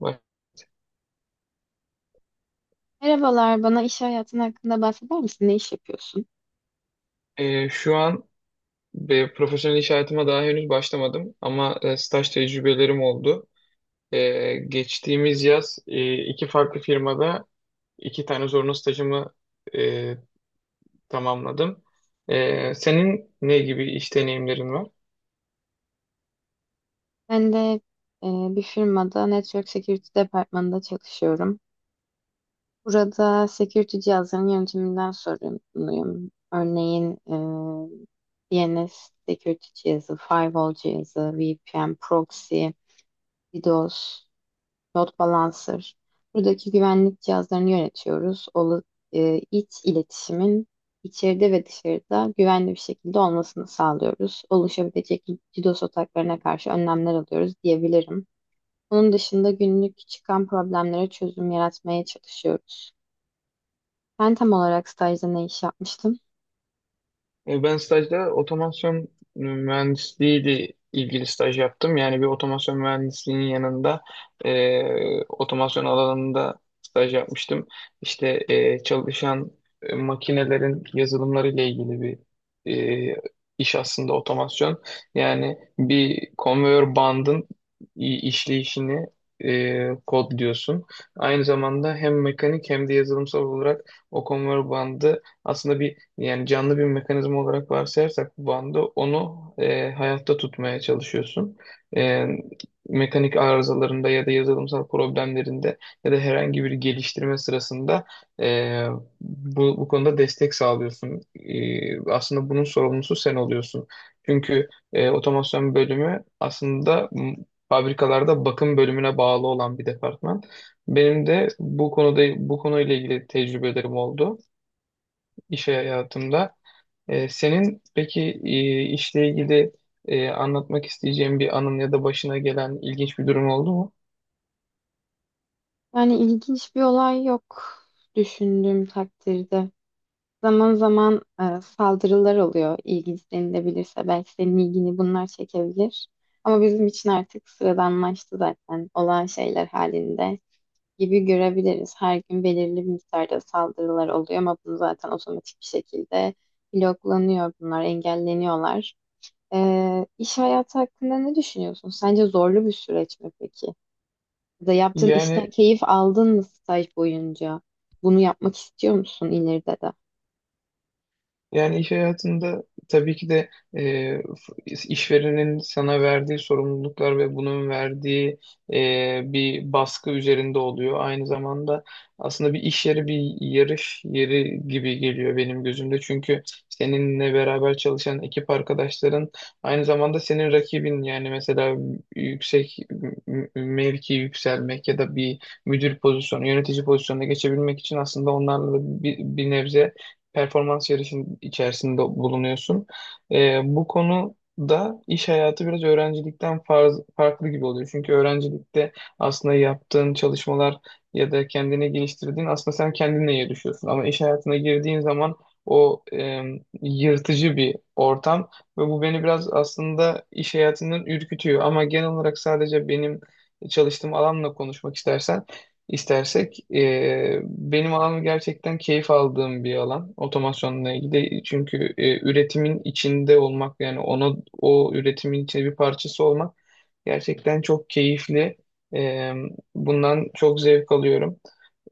Bak, Merhabalar, bana iş hayatın hakkında bahseder misin? Ne iş yapıyorsun? Şu an profesyonel iş hayatıma daha henüz başlamadım ama staj tecrübelerim oldu. Geçtiğimiz yaz iki farklı firmada iki tane zorunlu stajımı e, tamamladım. Senin ne gibi iş deneyimlerin var? Ben de bir firmada Network Security departmanında çalışıyorum. Burada security cihazlarının yönetiminden sorumluyum. Örneğin DNS security cihazı, firewall cihazı, VPN, proxy, DDoS, load balancer. Buradaki güvenlik cihazlarını yönetiyoruz. İç iletişimin içeride ve dışarıda güvenli bir şekilde olmasını sağlıyoruz. Oluşabilecek DDoS ataklarına karşı önlemler alıyoruz diyebilirim. Onun dışında günlük çıkan problemlere çözüm yaratmaya çalışıyoruz. Ben tam olarak stajda ne iş yapmıştım? Ben stajda otomasyon mühendisliği ile ilgili staj yaptım. Yani bir otomasyon mühendisliğinin yanında otomasyon alanında staj yapmıştım. İşte çalışan makinelerin yazılımları ile ilgili bir e, iş aslında otomasyon. Yani bir konveyör bandın işleyişini kodluyorsun. Aynı zamanda hem mekanik hem de yazılımsal olarak o konveyör bandı aslında bir yani canlı bir mekanizma olarak varsayarsak bu bandı onu hayatta tutmaya çalışıyorsun. E, Mekanik arızalarında ya da yazılımsal problemlerinde ya da herhangi bir geliştirme sırasında e, bu konuda destek sağlıyorsun. Aslında bunun sorumlusu sen oluyorsun. Çünkü otomasyon bölümü aslında fabrikalarda bakım bölümüne bağlı olan bir departman. Benim de bu konuda bu konuyla ilgili tecrübelerim oldu iş hayatımda. Senin peki işle ilgili anlatmak isteyeceğin bir anın ya da başına gelen ilginç bir durum oldu mu? Yani ilginç bir olay yok düşündüğüm takdirde. Zaman zaman saldırılar oluyor. İlginç denilebilirse belki senin ilgini bunlar çekebilir. Ama bizim için artık sıradanlaştı zaten. Olağan şeyler halinde gibi görebiliriz. Her gün belirli bir miktarda saldırılar oluyor ama bunu zaten otomatik bir şekilde bloklanıyor bunlar, engelleniyorlar. İş hayatı hakkında ne düşünüyorsun? Sence zorlu bir süreç mi peki? Ya da yaptığın işten Yani keyif aldın mı staj boyunca? Bunu yapmak istiyor musun ileride de? Yani iş hayatında tabii ki de e, f- işverenin sana verdiği sorumluluklar ve bunun verdiği bir baskı üzerinde oluyor. Aynı zamanda aslında bir iş yeri bir yarış yeri gibi geliyor benim gözümde. Çünkü seninle beraber çalışan ekip arkadaşların aynı zamanda senin rakibin yani mesela yüksek mevki yükselmek ya da bir müdür pozisyonu, yönetici pozisyonuna geçebilmek için aslında onlarla da bir nebze performans yarışının içerisinde bulunuyorsun. Bu konu da iş hayatı biraz öğrencilikten farklı gibi oluyor. Çünkü öğrencilikte aslında yaptığın çalışmalar ya da kendini geliştirdiğin aslında sen kendinle yarışıyorsun. Ama iş hayatına girdiğin zaman o yırtıcı bir ortam ve bu beni biraz aslında iş hayatından ürkütüyor. Ama genel olarak sadece benim çalıştığım alanla konuşmak istersek. Benim alanım gerçekten keyif aldığım bir alan otomasyonla ilgili. Çünkü üretimin içinde olmak yani ona o üretimin içinde bir parçası olmak gerçekten çok keyifli. Ee, Bundan çok zevk alıyorum.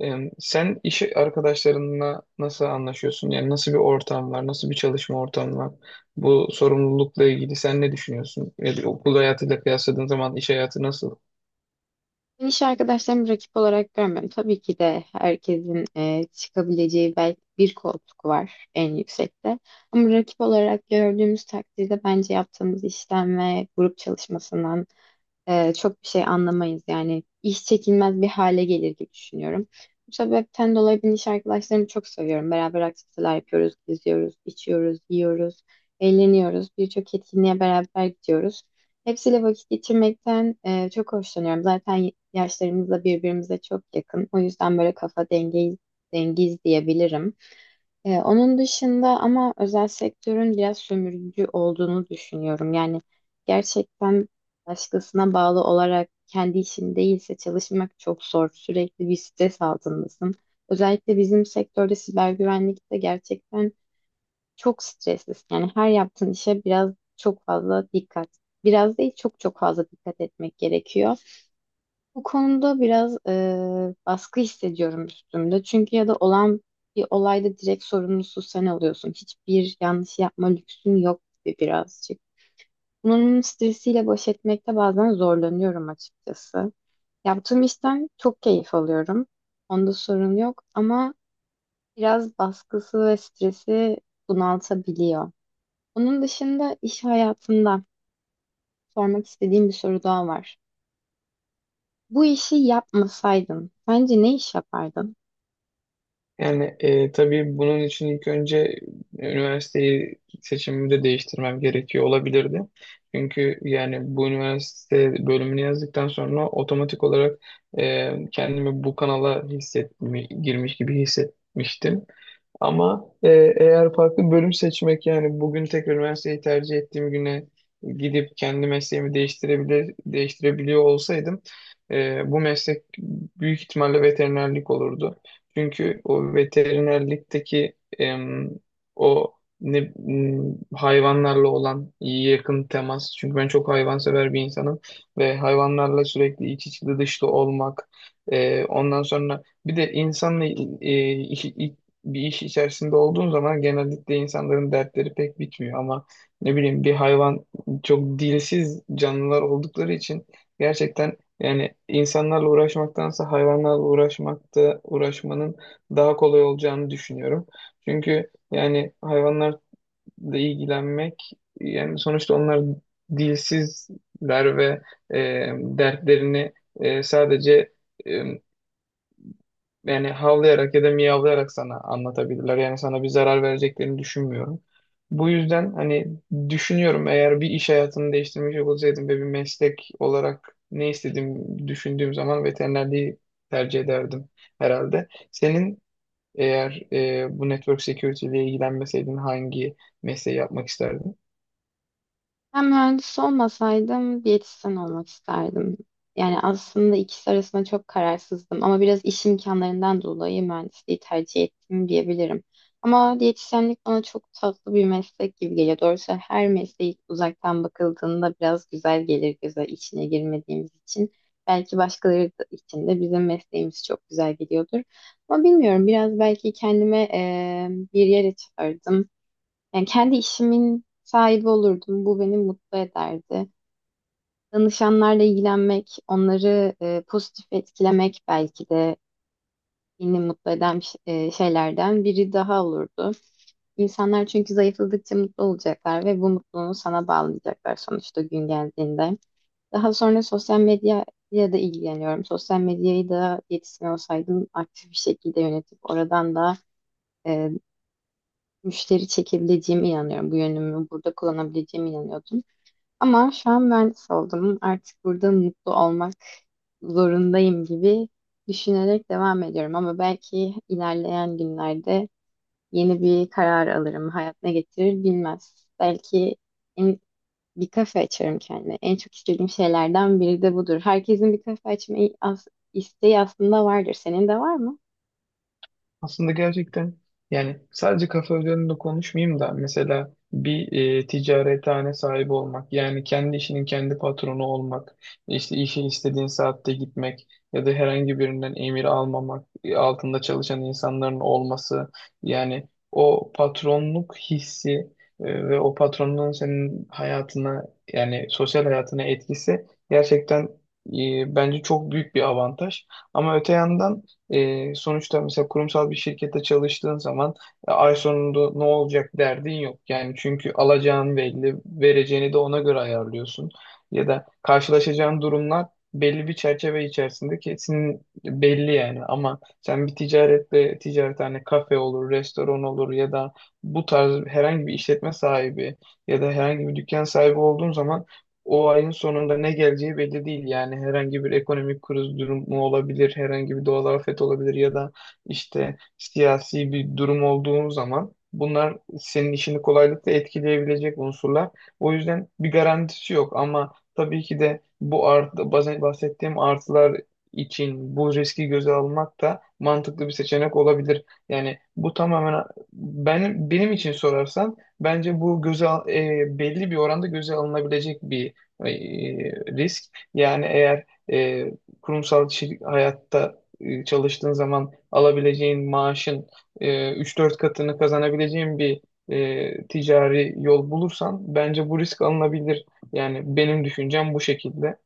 Sen iş arkadaşlarınla nasıl anlaşıyorsun? Yani nasıl bir ortam var? Nasıl bir çalışma ortamı var? Bu sorumlulukla ilgili sen ne düşünüyorsun? Yani okul hayatıyla kıyasladığın zaman iş hayatı nasıl? Ben iş arkadaşlarımı rakip olarak görmüyorum. Tabii ki de herkesin çıkabileceği belki bir koltuk var en yüksekte. Ama rakip olarak gördüğümüz takdirde bence yaptığımız işten ve grup çalışmasından çok bir şey anlamayız, yani iş çekilmez bir hale gelir gibi düşünüyorum. Bu sebepten dolayı ben iş arkadaşlarımı çok seviyorum. Beraber aktiviteler yapıyoruz, geziyoruz, içiyoruz, yiyoruz, eğleniyoruz. Birçok etkinliğe beraber gidiyoruz. Hepsiyle vakit geçirmekten çok hoşlanıyorum. Zaten yaşlarımız da birbirimize çok yakın. O yüzden böyle dengiz diyebilirim. Onun dışında ama özel sektörün biraz sömürücü olduğunu düşünüyorum. Yani gerçekten başkasına bağlı olarak kendi işin değilse çalışmak çok zor. Sürekli bir stres altındasın. Özellikle bizim sektörde siber güvenlikte gerçekten çok streslisin. Yani her yaptığın işe biraz çok fazla dikkat. Biraz değil çok çok fazla dikkat etmek gerekiyor. Bu konuda biraz baskı hissediyorum üstümde. Çünkü ya da olan bir olayda direkt sorumlusu sen oluyorsun. Hiçbir yanlış yapma lüksün yok gibi birazcık. Bunun stresiyle baş etmekte bazen zorlanıyorum açıkçası. Yaptığım işten çok keyif alıyorum. Onda sorun yok ama biraz baskısı ve stresi bunaltabiliyor. Onun dışında iş hayatında sormak istediğim bir soru daha var. Bu işi yapmasaydın sence ne iş yapardın? Yani tabii bunun için ilk önce üniversiteyi seçimimi de değiştirmem gerekiyor olabilirdi. Çünkü yani bu üniversite bölümünü yazdıktan sonra otomatik olarak kendimi bu kanala girmiş gibi hissetmiştim. Ama eğer farklı bölüm seçmek yani bugün tekrar üniversiteyi tercih ettiğim güne gidip kendi mesleğimi değiştirebiliyor olsaydım bu meslek büyük ihtimalle veterinerlik olurdu. Çünkü o veterinerlikteki o ne, m, hayvanlarla olan yakın temas. Çünkü ben çok hayvansever bir insanım ve hayvanlarla sürekli iç içli dışlı olmak. Ondan sonra bir de insanla e, bir iş içerisinde olduğun zaman genellikle insanların dertleri pek bitmiyor ama ne bileyim bir hayvan çok dilsiz canlılar oldukları için gerçekten yani insanlarla uğraşmaktansa hayvanlarla uğraşmanın daha kolay olacağını düşünüyorum. Çünkü yani hayvanlarla ilgilenmek yani sonuçta onlar dilsizler ve e, dertlerini sadece yani havlayarak ya da miyavlayarak sana anlatabilirler. Yani sana bir zarar vereceklerini düşünmüyorum. Bu yüzden hani düşünüyorum eğer bir iş hayatını değiştirmeyecek olsaydım ve bir meslek olarak ne istediğimi düşündüğüm zaman veterinerliği tercih ederdim herhalde. Senin eğer bu network security ile ilgilenmeseydin hangi mesleği yapmak isterdin? Ben mühendis olmasaydım diyetisyen olmak isterdim. Yani aslında ikisi arasında çok kararsızdım ama biraz iş imkanlarından dolayı mühendisliği tercih ettim diyebilirim. Ama diyetisyenlik bana çok tatlı bir meslek gibi geliyor. Doğrusu her mesleği uzaktan bakıldığında biraz güzel gelir göze, içine girmediğimiz için. Belki için de bizim mesleğimiz çok güzel geliyordur. Ama bilmiyorum, biraz belki kendime bir yere çağırdım. Yani kendi işimin sahibi olurdum. Bu beni mutlu ederdi. Danışanlarla ilgilenmek, onları pozitif etkilemek belki de beni mutlu eden şeylerden biri daha olurdu. İnsanlar çünkü zayıfladıkça mutlu olacaklar ve bu mutluluğu sana bağlayacaklar sonuçta gün geldiğinde. Daha sonra sosyal medya ya da ilgileniyorum. Sosyal medyayı da yetişkin olsaydım aktif bir şekilde yönetip oradan da e, müşteri çekebileceğime inanıyorum. Bu yönümü burada kullanabileceğime inanıyordum. Ama şu an mühendis oldum. Artık burada mutlu olmak zorundayım gibi düşünerek devam ediyorum. Ama belki ilerleyen günlerde yeni bir karar alırım. Hayat ne getirir bilmez. En- Bir kafe açarım kendime. En çok istediğim şeylerden biri de budur. Herkesin bir kafe isteği aslında vardır. Senin de var mı? Aslında gerçekten yani sadece kafe üzerinde konuşmayayım da mesela bir ticarethane sahibi olmak yani kendi işinin kendi patronu olmak işte işe istediğin saatte gitmek ya da herhangi birinden emir almamak altında çalışan insanların olması yani o patronluk hissi ve o patronluğun senin hayatına yani sosyal hayatına etkisi gerçekten bence çok büyük bir avantaj ama öte yandan sonuçta mesela kurumsal bir şirkette çalıştığın zaman ay sonunda ne olacak derdin yok. Yani çünkü alacağın belli, vereceğini de ona göre ayarlıyorsun. Ya da karşılaşacağın durumlar belli bir çerçeve içerisinde kesin belli yani. Ama sen bir ticarethane hani kafe olur, restoran olur ya da bu tarz herhangi bir işletme sahibi ya da herhangi bir dükkan sahibi olduğun zaman o ayın sonunda ne geleceği belli değil. Yani herhangi bir ekonomik kriz durumu olabilir, herhangi bir doğal afet olabilir ya da işte siyasi bir durum olduğu zaman bunlar senin işini kolaylıkla etkileyebilecek unsurlar. O yüzden bir garantisi yok ama tabii ki de bu bazen bahsettiğim artılar için bu riski göze almak da mantıklı bir seçenek olabilir. Yani bu tamamen benim için sorarsan bence bu belli bir oranda göze alınabilecek bir e, risk. Yani eğer e, kurumsal hayatta çalıştığın zaman alabileceğin maaşın e, 3-4 katını kazanabileceğin bir ticari yol bulursan bence bu risk alınabilir. Yani benim düşüncem bu şekilde.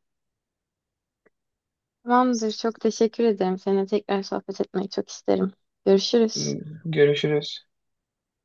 Tamamdır. Çok teşekkür ederim. Seninle tekrar sohbet etmeyi çok isterim. Görüşürüz. Görüşürüz.